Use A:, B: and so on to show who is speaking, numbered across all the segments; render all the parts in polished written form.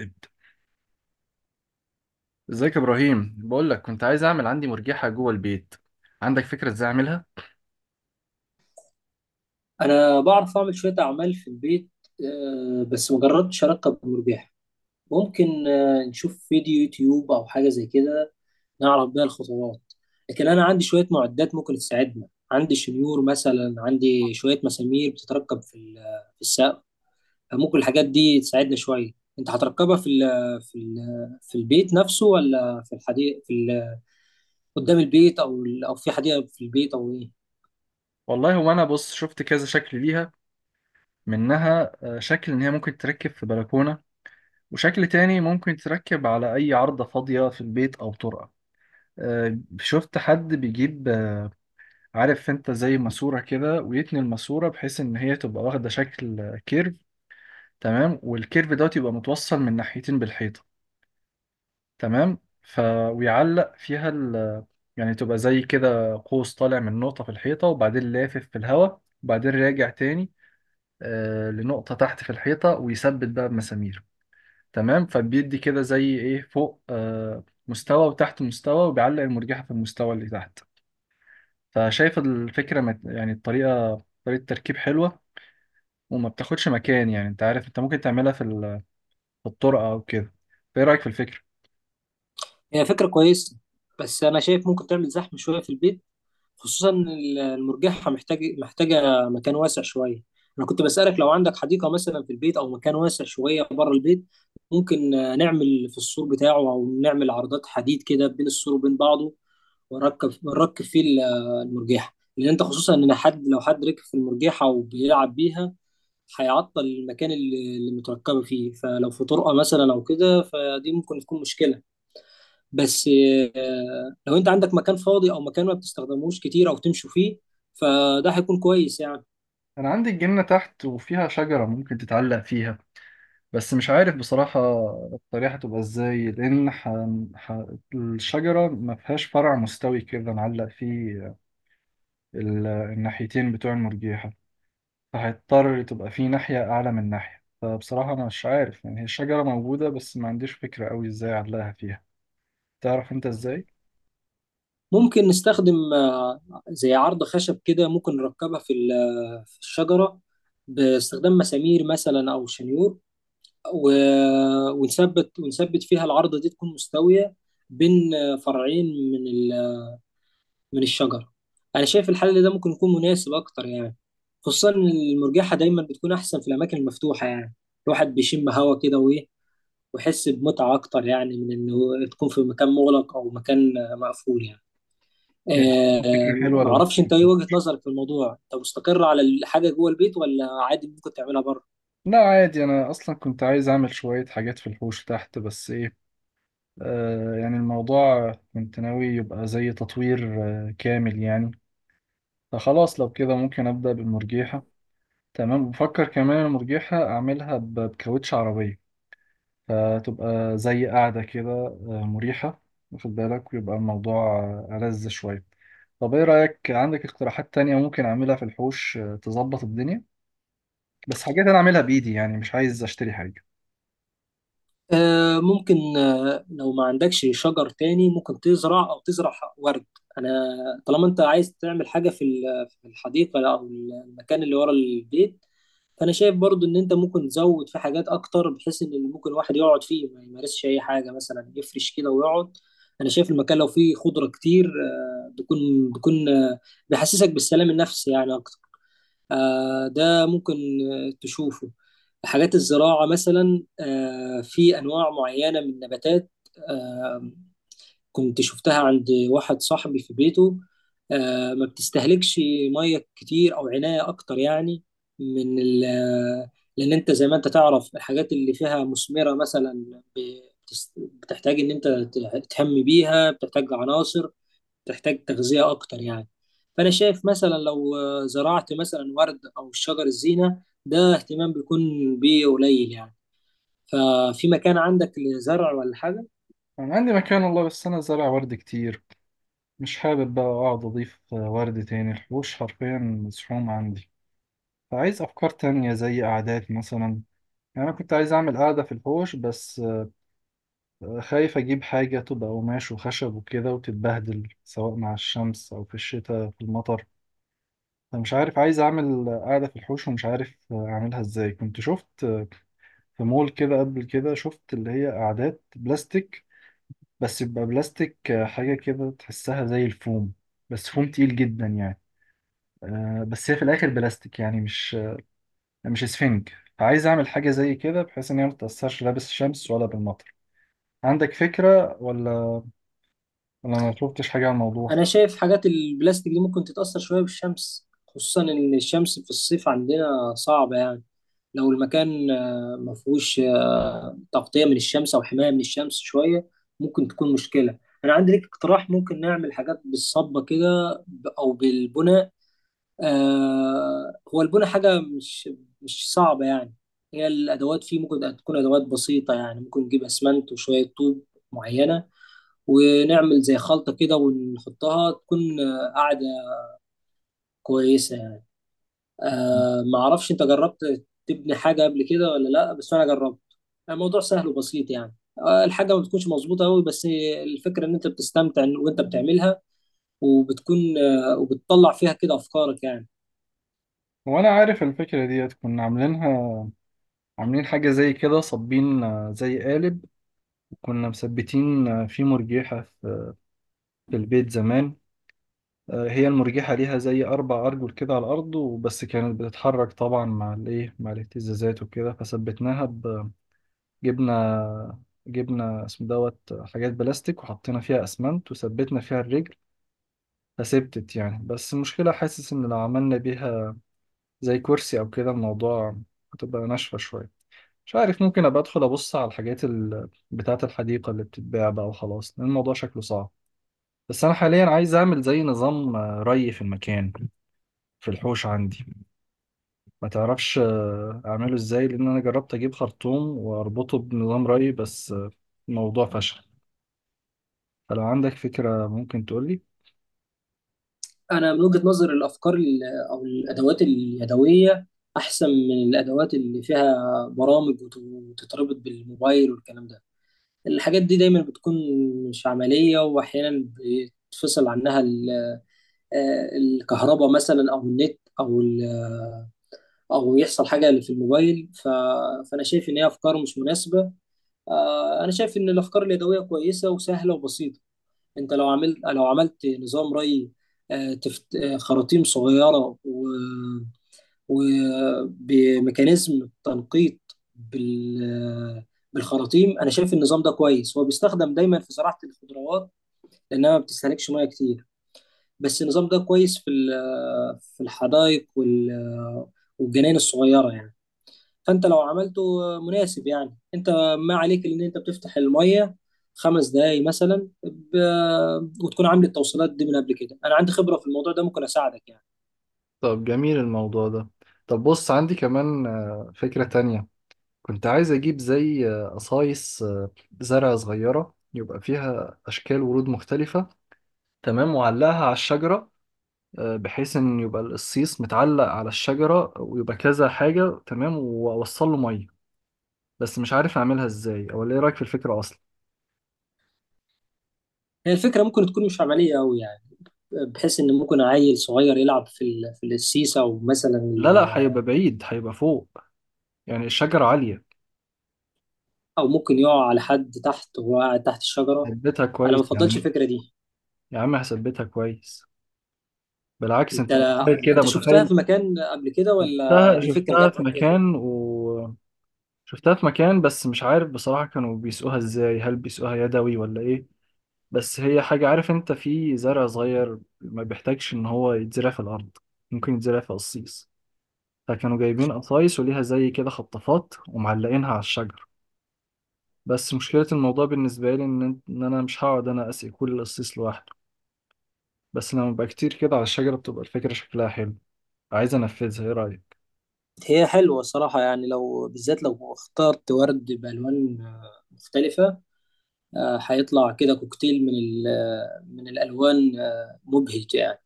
A: ابدأ. ازيك يا ابراهيم؟ بقول لك كنت عايز اعمل عندي مرجحه جوه البيت. عندك فكره ازاي اعملها؟
B: انا بعرف اعمل شويه اعمال في البيت. بس ما جربتش اركب المرجحة. ممكن، نشوف فيديو يوتيوب او حاجه زي كده، نعرف بيها الخطوات. لكن انا عندي شويه معدات ممكن تساعدنا، عندي شنيور مثلا، عندي شويه مسامير بتتركب في السقف، فممكن الحاجات دي تساعدنا شويه. انت هتركبها في في البيت نفسه، ولا في الحديقه قدام البيت، او في حديقه في البيت، او ايه؟
A: والله هو انا بص شفت كذا شكل ليها، منها شكل ان هي ممكن تركب في بلكونه. وشكل تاني ممكن تركب على اي عارضه فاضيه في البيت او طرقه. شفت حد بيجيب، عارف انت زي ماسوره كده ويتني الماسوره بحيث ان هي تبقى واخده شكل كيرف. تمام، والكيرف دوت يبقى متوصل من ناحيتين بالحيطه. تمام، ويعلق فيها يعني تبقى زي كده قوس طالع من نقطة في الحيطة، وبعدين لافف في الهواء، وبعدين راجع تاني، لنقطة تحت في الحيطة، ويثبت بقى بمسامير. تمام، فبيدي كده زي ايه، فوق مستوى وتحت مستوى، وبيعلق المرجحة في المستوى اللي تحت. فشايف الفكرة يعني الطريقة طريقة تركيب حلوة. وما بتاخدش مكان، يعني انت عارف انت ممكن تعملها في في الطرقة او كده. فايه رأيك في الفكرة؟
B: هي فكره كويسه، بس انا شايف ممكن تعمل زحمه شويه في البيت، خصوصا إن المرجحة محتاجة مكان واسع شوية. أنا كنت بسألك لو عندك حديقة مثلا في البيت، أو مكان واسع شوية بره البيت، ممكن نعمل في السور بتاعه، أو نعمل عرضات حديد كده بين السور وبين بعضه، نركب فيه المرجحة. لأن أنت، خصوصا إن حد، لو حد ركب في المرجحة وبيلعب بيها، هيعطل المكان اللي متركبة فيه. فلو في طرقة مثلا أو كده، فدي ممكن تكون مشكلة. بس لو انت عندك مكان فاضي، او مكان ما بتستخدموش كتير او تمشوا فيه، فده هيكون كويس يعني.
A: انا عندي الجنة تحت وفيها شجرة ممكن تتعلق فيها. بس مش عارف بصراحة الطريقة هتبقى ازاي، لأن ح... الشجرة ما فيهاش فرع مستوي كده نعلق فيه الناحيتين بتوع المرجيحة. فهيضطر تبقى فيه ناحية أعلى من ناحية. فبصراحة أنا مش عارف، يعني هي الشجرة موجودة بس ما عنديش فكرة أوي ازاي أعلقها فيها. تعرف أنت ازاي؟
B: ممكن نستخدم زي عرض خشب كده، ممكن نركبها في ال- آه، في الشجرة، باستخدام مسامير مثلا او شنيور، ونثبت فيها العرضة دي، تكون مستوية بين فرعين من ال- آه، من الشجرة. انا شايف الحل ده ممكن يكون مناسب اكتر يعني، خصوصا إن المرجحة دايما بتكون احسن في الاماكن المفتوحة يعني، الواحد بيشم هوا كده وايه، واحس بمتعه اكتر يعني من انه تكون في مكان مغلق او مكان مقفول يعني.
A: هي فكرة
B: آه،
A: حلوة لو
B: معرفش انت ايه وجهه نظرك في الموضوع، انت مستقر على الحاجه جوه البيت ولا عادي ممكن تعملها بره؟
A: لا، عادي، أنا أصلا كنت عايز أعمل شوية حاجات في الحوش تحت، بس إيه، يعني الموضوع كنت ناوي يبقى زي تطوير كامل يعني. فخلاص لو كده ممكن أبدأ بالمرجيحة. تمام، بفكر كمان المرجيحة أعملها بكاوتش عربية. فتبقى زي قاعدة كده مريحة. واخد بالك، ويبقى الموضوع ألذ شوية. طب إيه رأيك؟ عندك اقتراحات تانية ممكن أعملها في الحوش تظبط الدنيا؟ بس حاجات أنا أعملها بإيدي، يعني مش عايز أشتري حاجة.
B: آه، ممكن. آه، لو ما عندكش شجر تاني ممكن تزرع، أو تزرع ورد. أنا، طالما أنت عايز تعمل حاجة في الحديقة أو المكان اللي ورا البيت، فأنا شايف برضو إن أنت ممكن تزود في حاجات أكتر، بحيث إن اللي ممكن الواحد يقعد فيه ما يمارسش أي حاجة، مثلا يفرش كده ويقعد. أنا شايف المكان لو فيه خضرة كتير، آه، بيكون آه، بيحسسك بالسلام النفسي يعني. آه، ده ممكن، آه، تشوفه. حاجات الزراعة مثلا، آه، في أنواع معينة من النباتات، آه، كنت شفتها عند واحد صاحبي في بيته، آه، ما بتستهلكش مية كتير أو عناية أكتر يعني من ال آه، لأن أنت زي ما أنت تعرف الحاجات اللي فيها مثمرة، مثلا بتحتاج إن أنت تهتم بيها، بتحتاج عناصر، تحتاج تغذية أكتر يعني. فأنا شايف مثلا لو، آه، زرعت مثلا ورد أو شجر الزينة، ده اهتمام بيكون بيه قليل يعني. ففي مكان عندك لزرع ولا حاجة؟
A: أنا عندي مكان والله، بس أنا زارع ورد كتير. مش حابب بقى أقعد أضيف ورد تاني. الحوش حرفيا مزحوم عندي. فعايز أفكار تانية زي قعدات مثلا. يعني أنا كنت عايز أعمل قعدة في الحوش بس، خايف أجيب حاجة تبقى قماش وخشب وكده وتتبهدل، سواء مع الشمس أو في الشتاء في المطر. فمش عارف، عايز أعمل قعدة في الحوش ومش عارف أعملها إزاي. كنت شفت في مول كده قبل كده شفت اللي هي قعدات بلاستيك. بس يبقى بلاستيك حاجة كده تحسها زي الفوم. بس فوم تقيل جدا يعني. بس هي في الآخر بلاستيك يعني مش مش اسفنج. فعايز أعمل حاجة زي كده بحيث إن هي ما تتأثرش لا بالشمس ولا بالمطر. عندك فكرة ولا ما شفتش حاجة عن الموضوع؟
B: أنا شايف حاجات البلاستيك دي ممكن تتأثر شوية بالشمس، خصوصا إن الشمس في الصيف عندنا صعبة يعني. لو المكان، ما فيهوش تغطية من الشمس أو حماية من الشمس شوية، ممكن تكون مشكلة. أنا عندي ليك اقتراح، ممكن نعمل حاجات بالصبة كده، أو بالبناء. آه، هو البنى حاجة مش صعبة يعني. هي الأدوات فيه ممكن تكون أدوات بسيطة يعني، ممكن نجيب أسمنت وشوية طوب معينة، ونعمل زي خلطة كده، ونحطها تكون، آه، قاعدة كويسة يعني. آه، معرفش أنت جربت تبني حاجة قبل كده ولا لأ، بس أنا جربت، الموضوع سهل وبسيط يعني. آه، الحاجة ما بتكونش مظبوطة أوي، بس الفكرة إن أنت بتستمتع وأنت بتعملها، وبتكون، آه، وبتطلع فيها كده أفكارك يعني.
A: وأنا عارف الفكرة ديت كنا عاملينها. عاملين حاجة زي كده صابين زي قالب. كنا مثبتين فيه مرجيحة في البيت زمان. هي المرجيحة ليها زي أربع أرجل كده على الأرض وبس، كانت بتتحرك طبعا مع مع الاهتزازات وكده، فثبتناها جبنا جبنا اسمه دوت حاجات بلاستيك، وحطينا فيها أسمنت وثبتنا فيها الرجل. فثبتت يعني، بس المشكلة حاسس إن لو عملنا بيها زي كرسي او كده الموضوع هتبقى ناشفه شويه. مش عارف، ممكن ابقى ادخل ابص على الحاجات بتاعه الحديقه اللي بتتباع بقى وخلاص، لان الموضوع شكله صعب. بس انا حاليا عايز اعمل زي نظام ري في المكان، في الحوش عندي. ما تعرفش اعمله ازاي؟ لان انا جربت اجيب خرطوم واربطه بنظام ري، بس الموضوع فشل. فلو عندك فكره ممكن تقولي.
B: انا من وجهة نظر، الافكار او الادوات اليدويه احسن من الادوات اللي فيها برامج وتتربط بالموبايل والكلام ده. الحاجات دي دايما بتكون مش عمليه، واحيانا بيتفصل عنها الكهرباء مثلا، او النت، او يحصل حاجه في الموبايل. فانا شايف ان هي افكار مش مناسبه. آه، انا شايف ان الافكار اليدويه كويسه وسهله وبسيطه. انت لو عملت نظام ري، آه، خراطيم صغيره وبميكانيزم تنقيط بال... آه، بالخراطيم. انا شايف النظام ده كويس، هو بيستخدم دايما في زراعه الخضروات لانها ما بتستهلكش ميه كتير. بس النظام ده كويس في الحدائق والجناين الصغيره يعني. فانت لو عملته، مناسب يعني، انت ما عليك ان انت بتفتح الميه 5 دقايق مثلا، وتكون عامل التوصيلات دي من قبل كده. انا عندي خبره في الموضوع ده، ممكن اساعدك يعني.
A: طب جميل الموضوع ده. طب بص عندي كمان فكره تانية. كنت عايز أجيب زي قصايص زرع صغيرة يبقى فيها أشكال ورود مختلفة. تمام، وعلقها على الشجرة بحيث إن يبقى القصيص متعلق على الشجرة ويبقى كذا حاجة، تمام، وأوصل له مية. بس مش عارف أعملها إزاي، أو إيه رأيك في الفكرة أصلا؟
B: هي الفكره ممكن تكون مش عمليه قوي يعني، بحيث ان ممكن عيل صغير يلعب في السيسه، او مثلا
A: لا، لا، هيبقى بعيد، هيبقى فوق، يعني الشجرة عالية.
B: او ممكن يقع على حد تحت وهو قاعد تحت الشجره.
A: ثبتها
B: انا
A: كويس
B: ما
A: يا
B: بفضلش
A: عم.
B: الفكره دي.
A: يا عم، هثبتها كويس. بالعكس،
B: انت
A: أنت متخيل كده،
B: انت شفتها
A: متخيل.
B: في مكان قبل كده، ولا
A: شفتها
B: دي فكره
A: شفتها
B: جات
A: في
B: لك كده؟
A: مكان، و شفتها في مكان، بس مش عارف بصراحة كانوا بيسقوها ازاي، هل بيسقوها يدوي ولا ايه. بس هي حاجة، عارف انت، في زرع صغير ما بيحتاجش ان هو يتزرع في الارض. ممكن يتزرع في قصيص. فكانوا جايبين قصايص وليها زي كده خطافات ومعلقينها على الشجر. بس مشكلة الموضوع بالنسبة لي ان انا مش هقعد انا اسقي كل قصيص لوحده. بس لما بقى كتير كده على الشجرة بتبقى الفكرة شكلها حلو. عايز انفذها، ايه رأيك؟
B: هي حلوة الصراحة يعني، لو بالذات لو اخترت ورد بألوان، آه، مختلفة، آه، هيطلع كده كوكتيل من الألوان، آه، مبهج يعني.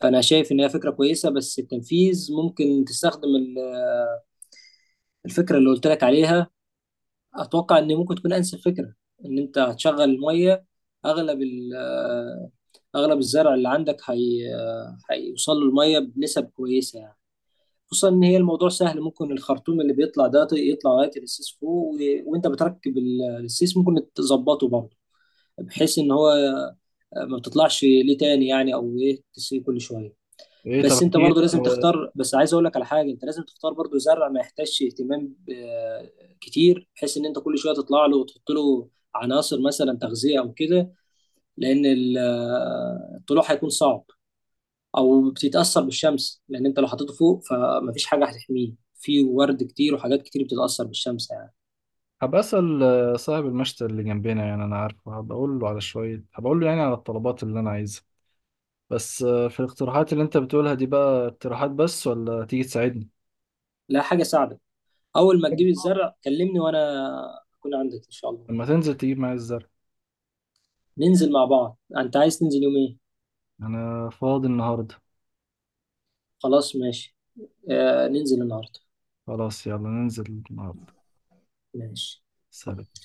B: فأنا شايف إن هي فكرة كويسة، بس التنفيذ ممكن تستخدم الفكرة اللي قلت لك عليها، أتوقع إن ممكن تكون أنسب فكرة. إن أنت هتشغل المية، أغلب ال- آه، أغلب الزرع اللي عندك، هي، آه، هيوصل له المية بنسب كويسة يعني. خصوصا ان هي الموضوع سهل، ممكن الخرطوم اللي بيطلع ده يطلع لغايه السيس فوق، وانت بتركب السيس ممكن تظبطه برضه، بحيث ان هو ما بتطلعش ليه تاني يعني، او ايه تسيب كل شويه.
A: ايه
B: بس
A: طب،
B: انت
A: هتيجي؟
B: برضه لازم تختار، بس عايز اقول لك على حاجه، انت لازم تختار برضه زرع ما يحتاجش اهتمام، آه، كتير، بحيث ان انت كل شويه تطلع له وتحط له عناصر مثلا تغذيه او كده، لان الطلوع هيكون صعب، او بتتاثر بالشمس، لان انت لو حطيته فوق فمفيش حاجه هتحميه، في ورد كتير وحاجات كتير بتتاثر بالشمس يعني.
A: هبقى أسأل صاحب المشتى اللي جنبنا، يعني أنا عارفه، هبقى أقول له على شوية، هبقى أقول له يعني على الطلبات اللي أنا عايزها. بس في الاقتراحات اللي أنت بتقولها دي، بقى اقتراحات بس ولا تيجي تساعدني؟
B: لا، حاجه ساعدك. اول ما تجيب
A: حلو.
B: الزرع كلمني، وانا اكون عندك ان شاء الله.
A: لما تنزل تجيب معايا الزرع.
B: ننزل مع بعض، انت عايز تنزل يوم ايه؟
A: أنا فاضي النهاردة.
B: خلاص ماشي. آه، ننزل النهارده.
A: خلاص، يلا ننزل النهاردة.
B: ماشي.
A: سلام.